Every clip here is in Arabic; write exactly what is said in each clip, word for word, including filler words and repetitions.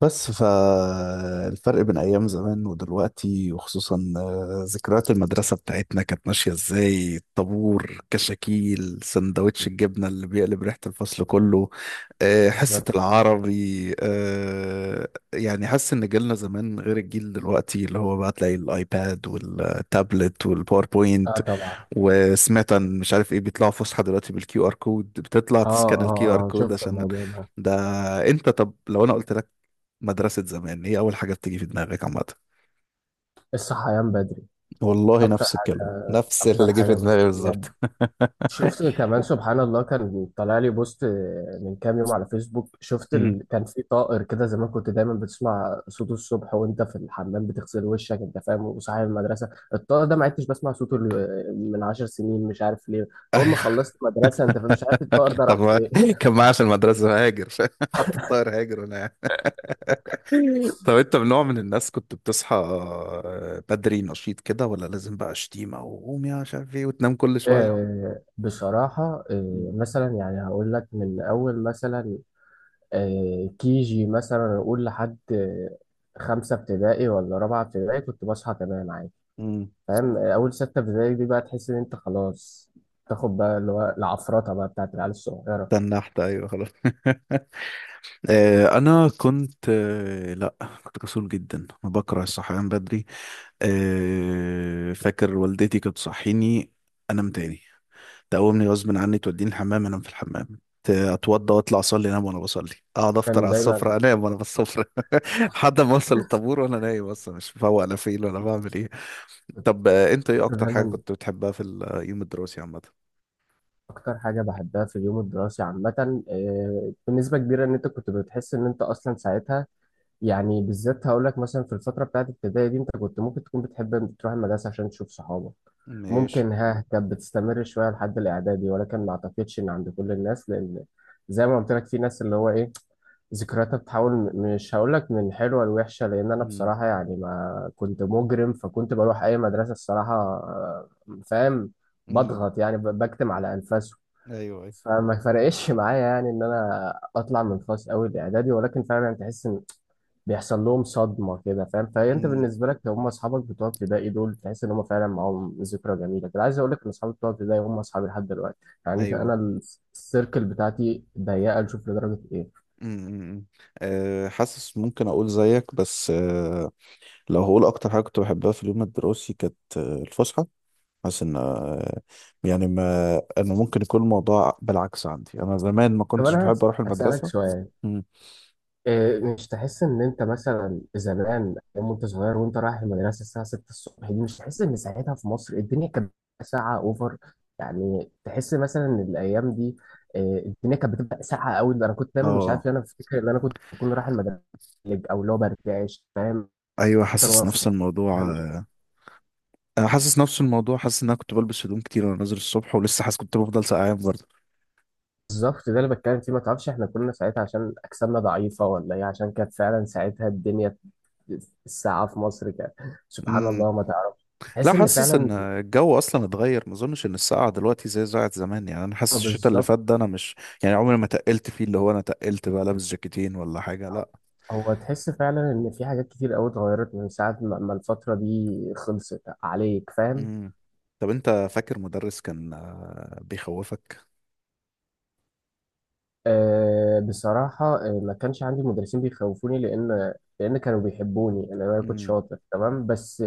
بس فالفرق بين أيام زمان ودلوقتي وخصوصا آه، ذكريات المدرسة بتاعتنا كانت ماشية ازاي، الطابور، كشاكيل سندوتش الجبنة اللي بيقلب ريحة الفصل كله. آه، حصة بالظبط. العربي. آه، يعني حاسس إن جيلنا زمان غير الجيل دلوقتي، اللي هو بقى تلاقي الآيباد والتابلت والباوربوينت. اه، طبعا. وسمعت عن مش عارف ايه، بيطلعوا فسحة دلوقتي بالكيو ار كود، بتطلع اه تسكان الكيو ار اه اه، كود شفت عشان الموضوع ده. ده. انت طب لو انا قلت لك مدرسة زمان، هي أول حاجة بتيجي في دماغك عامة؟ الصحيان بدري. والله اكتر نفس الكلمة، حاجه نفس اكتر اللي جه في حاجه دماغي بجد. بالظبط. شفت كمان، سبحان الله، كان طالع لي بوست من كام يوم على فيسبوك. شفت مم. ال... كان في طائر كده زمان، كنت دايما بتسمع صوته الصبح وانت في الحمام بتغسل وشك، انت فاهم، وصاحي المدرسه. الطائر ده ما عدتش بسمع صوته ال- من عشر سنين، مش عارف ليه. اول ما خلصت مدرسه، انت فاهم، مش عارف الطائر ده طب راح ما- فين. كان معايا في المدرسة هاجر. حط الطائر هاجر هنا. طب أنت من نوع من الناس كنت بتصحى بدري نشيط كده، ولا لازم بقى شتيمة وقوم يا مش عارف إيه، وتنام كل شوية؟ آه، بصراحة، آه، مم. مثلا يعني هقول لك من أول، مثلا كي جي، مثلا أقول لحد آه، خمسة ابتدائي ولا رابعة ابتدائي كنت بصحى تمام عادي. مم. فاهم، آه، أول ستة ابتدائي دي بقى تحس إن أنت خلاص تاخد بقى اللي هو العفرطة بقى بتاعت العيال الصغيرة. تنحت، أيوه، خلاص. آه، أنا كنت آه، لأ، كنت كسول جدا. أنا بكره الصحيان بدري. آه، فاكر والدتي كانت تصحيني، انام تاني، تقومني غصب عني، توديني الحمام انام في الحمام، ت- اتوضى واطلع اصلي انام وانا بصلي، اقعد افطر كان على دايما السفره انام وانا بالسفره. لحد ما اوصل الطابور وانا نايم اصلا، مش مفوق انا فين ولا بعمل ايه. طب آه، انت ايه اكتر حاجه دايما كنت بتحبها في اليوم الدراسي عامه؟ أكتر حاجة بحبها في اليوم الدراسي عامة، آه، بنسبة كبيرة، إن أنت كنت بتحس إن أنت أصلا ساعتها يعني بالذات، هقول لك مثلا في الفترة بتاعت الابتدائي دي، انت كنت ممكن تكون بتحب ان تروح المدرسة عشان تشوف صحابك. ماشي. ممكن ها كانت بتستمر شوية لحد الإعدادي، ولكن ما أعتقدش إن عند كل الناس، لأن زي ما قلت لك في ناس اللي هو إيه، ذكرياتها بتحاول، م- مش هقول لك من حلوة لوحشة، لأن أنا امم. بصراحة يعني ما كنت مجرم، فكنت بروح أي مدرسة الصراحة، آه، فاهم. امم. بضغط يعني، ب- بكتم على أنفاسه. ايوه، ايوه. فما فرقش معايا يعني إن أنا أطلع من فصل أول إعدادي، ولكن فعلا تحس إن بيحصل لهم صدمة كده، فاهم؟ فأنت امم. بالنسبة لك، هم أصحابك بتوع ابتدائي دول، تحس إن هم فعلا معاهم ذكرى جميلة كده. عايز أقول لك إن أصحابي بتوع ابتدائي هم أصحابي لحد دلوقتي. يعني ايوه. أنا السيركل بتاعتي ضيقة، نشوف لدرجة إيه. امم. أمم. أه، حاسس ممكن اقول زيك بس أه. لو هقول اكتر حاجه كنت بحبها في اليوم الدراسي، كانت آه، الفسحه. حاسس ان آه، يعني ما انا ممكن يكون الموضوع بالعكس عندي، انا زمان ما طب كنتش أنا بحب هس- اروح هسألك المدرسه. شوية. مم. إيه، مش تحس ان انت مثلا زمان يوم انت صغير وانت رايح المدرسه الساعه ستة الصبح دي، مش تحس ان ساعتها في مصر الدنيا كانت بتبقى ساعه اوفر؟ يعني تحس مثلا ان الايام دي إيه، الدنيا كانت بتبقى ساقعه قوي. انا كنت دايما مش عارف اه. ليه انا بفتكر ان انا كنت بكون رايح المدرسه او اللي هو برجعش، فاهم. ايوه، مثلا حاسس وأنا نفس الموضوع. في- مش عارف. آه، انا حاسس نفس الموضوع، حاسس ان انا كنت بلبس هدوم كتير وانا نازل الصبح، ولسه حاسس كنت بفضل سقعان برضه. بالظبط، ده اللي بتكلم فيه. ما تعرفش احنا كنا ساعتها عشان اجسامنا ضعيفه ولا ايه، عشان كانت فعلا ساعتها الدنيا، الساعه في مصر كانت، سبحان امم. الله، ما تعرفش. لا، تحس ان حاسس فعلا. ان الجو اصلا اتغير، ما اظنش ان السقعه دلوقتي زي ساعه زمان. يعني انا حاسس الشتاء اللي بالظبط. فات ده انا مش يعني عمري ما تقلت فيه، اللي هو انا تقلت بقى لابس جاكيتين ولا حاجه، لا. هو تحس فعلا ان في حاجات كتير قوي اتغيرت من ساعة ما ما الفترة دي خلصت عليك، فاهم. مم. طب انت فاكر مدرس كان آه، بيخوفك؟ أه بصراحة آه، ما كانش عندي مدرسين بيخوفوني، لان لان كانوا بيحبوني. انا أنا كنت مم. شاطر تمام. بس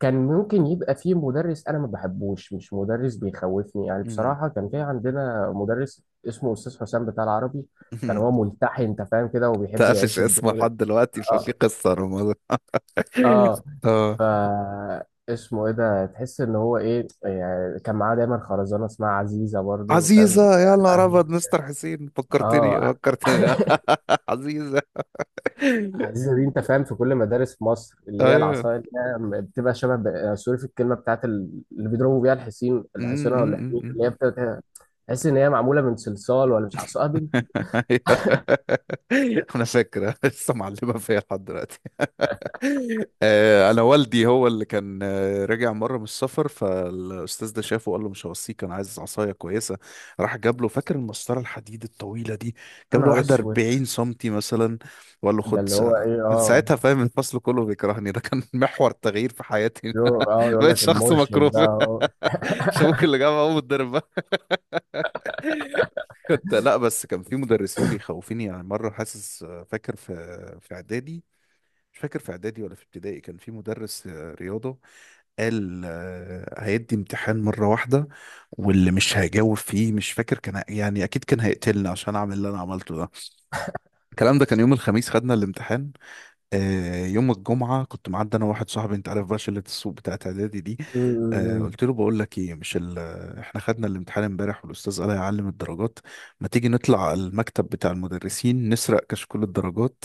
كان ممكن يبقى في مدرس انا ما بحبوش، مش مدرس بيخوفني يعني. مم. بصراحة كان في عندنا مدرس اسمه استاذ حسام بتاع العربي. كان هو ملتحي، انت فاهم كده، وبيحب تقفش يعيش اسمه الدور. لحد دلوقتي، ففي اه. قصة رمضان. اه. اه. ف اسمه ايه ده، تحس ان هو ايه يعني. كان معاه دايما خرزانه اسمها عزيزه، برضو فاهم عزيزة يا نهار يعني؟ أبيض، مستر حسين، فكرتني اه. فكرتني. عزيزة. عزيزه دي، انت فاهم، في كل مدارس مصر، اللي هي العصايه، اللي هي بتبقى شبه، ب- سوري، في الكلمه بتاعت ال- اللي بيضربوا بيها الحصين، الحصينه ولا الحمير، أيوه. اللي هي بتبقى تحس ان هي معموله من صلصال، ولا مش عصايه بنت. أيوة. انا فاكره لسه معلمه فيا لحد دلوقتي. آه، انا والدي هو اللي كان آه، راجع مره من السفر، فالاستاذ ده شافه وقال له مش هوصيك انا عايز عصايه كويسه. راح جاب له، فاكر المسطره الحديد الطويله دي، يا جاب له نهار واحده اسود. 40 سنتي مثلا، وقال له ده خد اللي هو ساعة. ايه، من اه. ساعتها فاهم الفصل كله بيكرهني، ده كان محور تغيير في حياتي. يقول- اه، يقول بقيت لك شخص المرشد مكروه. بقى اهو. شابوك اللي جاب ابو الدرب. كنت، لا بس كان في مدرسين بيخوفوني يعني، مرة حاسس فاكر في في إعدادي مش فاكر في إعدادي ولا في ابتدائي، كان في مدرس رياضة قال آه، هيدي امتحان مرة واحدة، واللي مش هيجاوب فيه مش فاكر كان يعني، أكيد كان هيقتلني عشان أعمل اللي أنا عملته ده. الكلام ده كان يوم الخميس، خدنا الامتحان. آه، يوم الجمعة كنت معدي أنا وواحد صاحبي، أنت عارف بقى شلة السوق بتاعت إعدادي دي، م- آه، م- م. قلت له بقول لك إيه مش ال... آه، إحنا خدنا الامتحان إمبارح والأستاذ قال هيعلم الدرجات، ما تيجي نطلع المكتب بتاع المدرسين نسرق كشكول الدرجات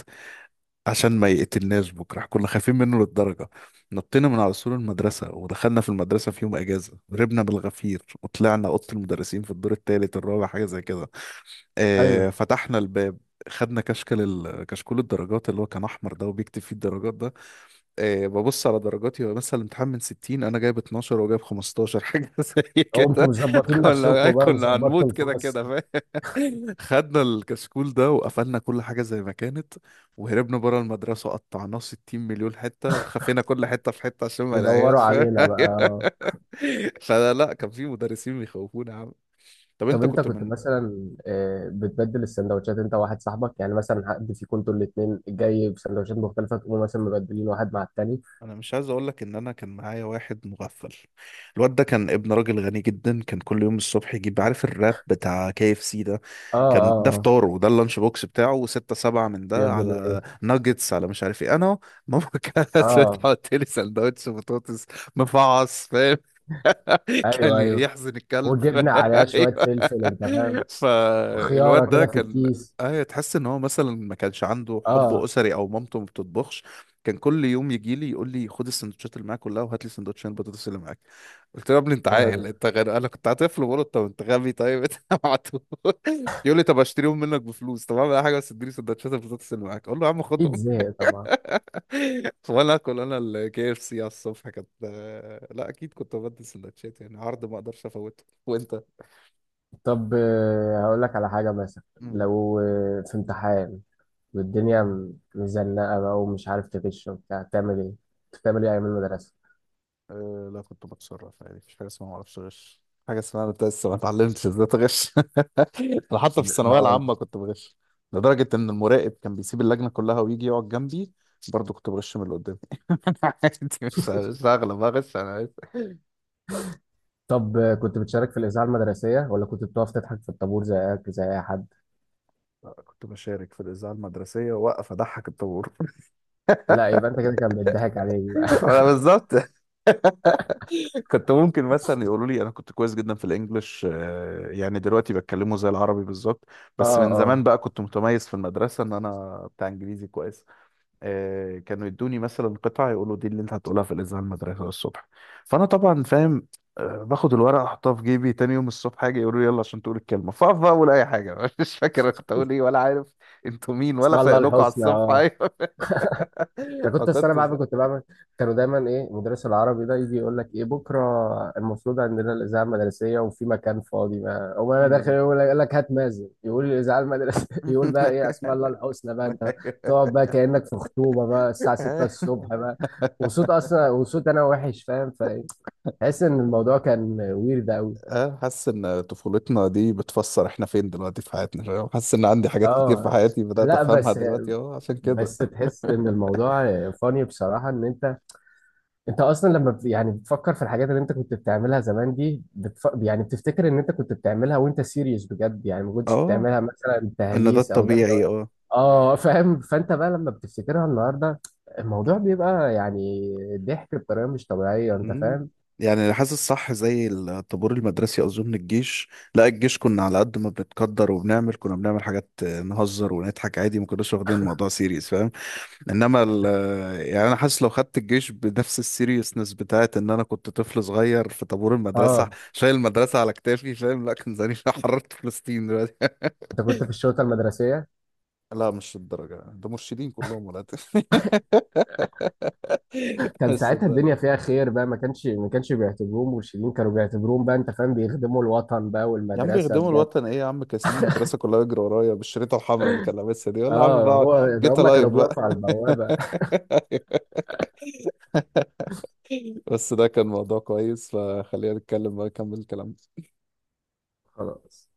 عشان ما يقتلناش بكرة؟ كنا خايفين منه للدرجة. نطينا من على سور المدرسة ودخلنا في المدرسة في يوم أجازة، هربنا بالغفير وطلعنا أوضة المدرسين في الدور التالت الرابع حاجة زي كده. ايوه. آه، فتحنا الباب، خدنا كشكل ال... كشكول الدرجات اللي هو كان أحمر ده وبيكتب فيه الدرجات ده، إيه، ببص على درجاتي، هو مثلا الامتحان من ستين انا جايب اتناشر وجايب خمستاشر حاجه زي قمتوا كده. مظبطين كنا نفسكم بقى كنا وظبطتوا هنموت كده كده الفصل فاهم. خدنا الكشكول ده وقفلنا كل حاجه زي ما كانت، وهربنا بره المدرسه، قطعناه 60 مليون حته وخفينا كل حته في حته عشان ما ودوروا نلاقيهاش، فاهم؟ علينا بقى. فلا لا، كان في مدرسين بيخوفونا يا عم. طب طب انت انت كنت كنت من، مثلا آه، بتبدل السندوتشات انت وواحد صاحبك؟ يعني مثلا حد فيكم انتوا الاثنين جاي بسندوتشات مختلفه تقوموا مثلا مبدلين واحد مع التاني؟ انا مش عايز اقول لك ان انا كان معايا واحد مغفل. الواد ده كان ابن راجل غني جدا، كان كل يوم الصبح يجيب عارف الراب بتاع كي اف سي ده، اه كان ده اه آه. فطاره، وده اللانش بوكس بتاعه، وستة سبعة من يا ده ابن الايه. على ناجتس على مش عارف ايه، انا ماما كانت اه. بتحط لي سندوتش بطاطس مفعص فاهم. كان ايوه ايوه، يحزن الكلب. وجبنا عليها شويه ايوه، فلفل، انت فاهم، فالواد وخياره ده كده في كان، الكيس. ايوه، تحس ان هو مثلا ما كانش عنده حب اه. اسري او مامته ما بتطبخش، كان كل يوم يجي لي يقول لي خد السندوتشات اللي معاك كلها وهات لي سندوتشين البطاطس اللي معاك. قلت له يا ابني انت يا نهار عاقل؟ اسود. انت غير، انا كنت طفل بقول له طب انت غبي، طيب انت معتوه. يقول لي طب اشتريهم منك بفلوس، طب اعمل اي حاجه بس اديني سندوتشات البطاطس اللي معاك. اقول له يا عم خد. اكيد زهق طبعا. وانا اكل انا الكي اف سي على الصبح، كانت لا اكيد كنت ببدل سندوتشات، يعني عرض ما اقدرش افوته. وانت. طب آه، هقول لك على حاجه. مثلا مم. لو آه، في امتحان والدنيا م- مزنقة بقى ومش عارف تغش وبتاع، تعمل ايه؟ كنت بتعمل ايه أيام المدرسة؟ أه لا، كنت بتصرف عادي، مفيش حاجة اسمها معرفش أغش، حاجة اسمها أنا لسه ما اتعلمتش ازاي تغش. أنا حتى في ما الثانوية هو- العامة كنت بغش لدرجة إن المراقب كان بيسيب اللجنة كلها ويجي يقعد جنبي، برضه كنت بغش من اللي قدامي. أنا عادي، مش مش هغلب أغش أنا، عادي. طب كنت بتشارك في الإذاعة المدرسية، ولا كنت بتقف تضحك في الطابور زيك زي أي حد؟ لا، كنت بشارك في الإذاعة المدرسية، وأقف أضحك الطابور. لا، يبقى أنت كده كان بيضحك عليك بقى. أنا بالظبط. كنت ممكن مثلا يقولوا لي انا كنت كويس جدا في الانجليش، آه، يعني دلوقتي بتكلمه زي العربي بالظبط، اه بس من زمان اه. بقى كنت متميز في المدرسه ان انا بتاع انجليزي كويس. آه، كانوا يدوني مثلا قطعه يقولوا دي اللي انت هتقولها في الاذاعه المدرسه الصبح، فانا طبعا فاهم، آه، باخد الورقه احطها في جيبي، تاني يوم الصبح حاجه يقولوا لي يلا عشان تقول الكلمه، فاقف بقى اقول اي حاجه. مش فاكر أنا كنت اقول ايه ولا عارف انتوا مين، ولا اسمع فايق الله لكم على الحسنى، الصبح، اه. ايوه. انا ما كنت السنه كنتش بعمل ده. كنت بعمل كانوا دايما ايه مدرس العربي ده يجي يقول لك ايه بكره المفروض عندنا الاذاعه المدرسيه وفي مكان فاضي بقى، اقوم انا داخل. مم. يقول لك يقول لك هات مازن يقول الاذاعه المدرسيه. يقول بقى ايه اسماء الله الحسنى بقى انت، تقعد بقى كانك في خطوبه بقى الساعه ستة أيوه. الصبح بقى. وصوت اصلا وصوت انا وحش، فاهم. فتحس ان الموضوع كان ويرد قوي، اه، حاسس ان طفولتنا دي بتفسر احنا فين دلوقتي في حياتنا، فاهم؟ حاسس ان عندي حاجات كتير في اه. حياتي بدأت لا افهمها بس، دلوقتي اه عشان كده. بس تحس ان الموضوع فاني بصراحه ان انت، انت اصلا لما بت- يعني بتفكر في الحاجات اللي انت كنت بتعملها زمان دي بتف... يعني بتفتكر ان انت كنت بتعملها وانت سيريس بجد، يعني ما كنتش اه، بتعملها مثلا ان ده تهليس او ضحك الطبيعي، او، اه. اه، فاهم. فانت بقى لما بتفتكرها النهارده، الموضوع بيبقى يعني ضحك بطريقه مش طبيعيه، انت مم. فاهم. يعني اللي حاسس صح زي الطابور المدرسي، اظن الجيش، لا، الجيش كنا على قد ما بنتقدر وبنعمل، كنا بنعمل حاجات نهزر ونضحك عادي، ما كناش واخدين الموضوع سيريس. انما ال، يعني انا حاسس لو خدت الجيش بنفس السيريسنس بتاعت ان انا كنت طفل صغير في طابور المدرسه اه. شايل المدرسه على كتافي، فاهم؟ لا كان زماني حررت فلسطين دلوقتي. انت كنت في الشرطه المدرسيه. لا مش الدرجه ده، مرشدين كلهم ولا. كان بس ساعتها الدنيا الدرجه، فيها خير بقى، ما كانش ما كانش بيعتبروهم مرشدين، كانوا بيعتبروهم بقى انت فاهم بيخدموا الوطن بقى يا عم والمدرسه بيخدموا بجد. الوطن ايه يا عم، كاسبين المدرسه كلها يجري ورايا بالشريطه الحمراء اللي كان لابسها دي، يلا يا عم اه، بقى. هو ده، جيت هم لايف كانوا بقى. بيقفوا على البوابه. بس ده كان موضوع كويس، فخلينا نتكلم بقى نكمل الكلام. خلاص.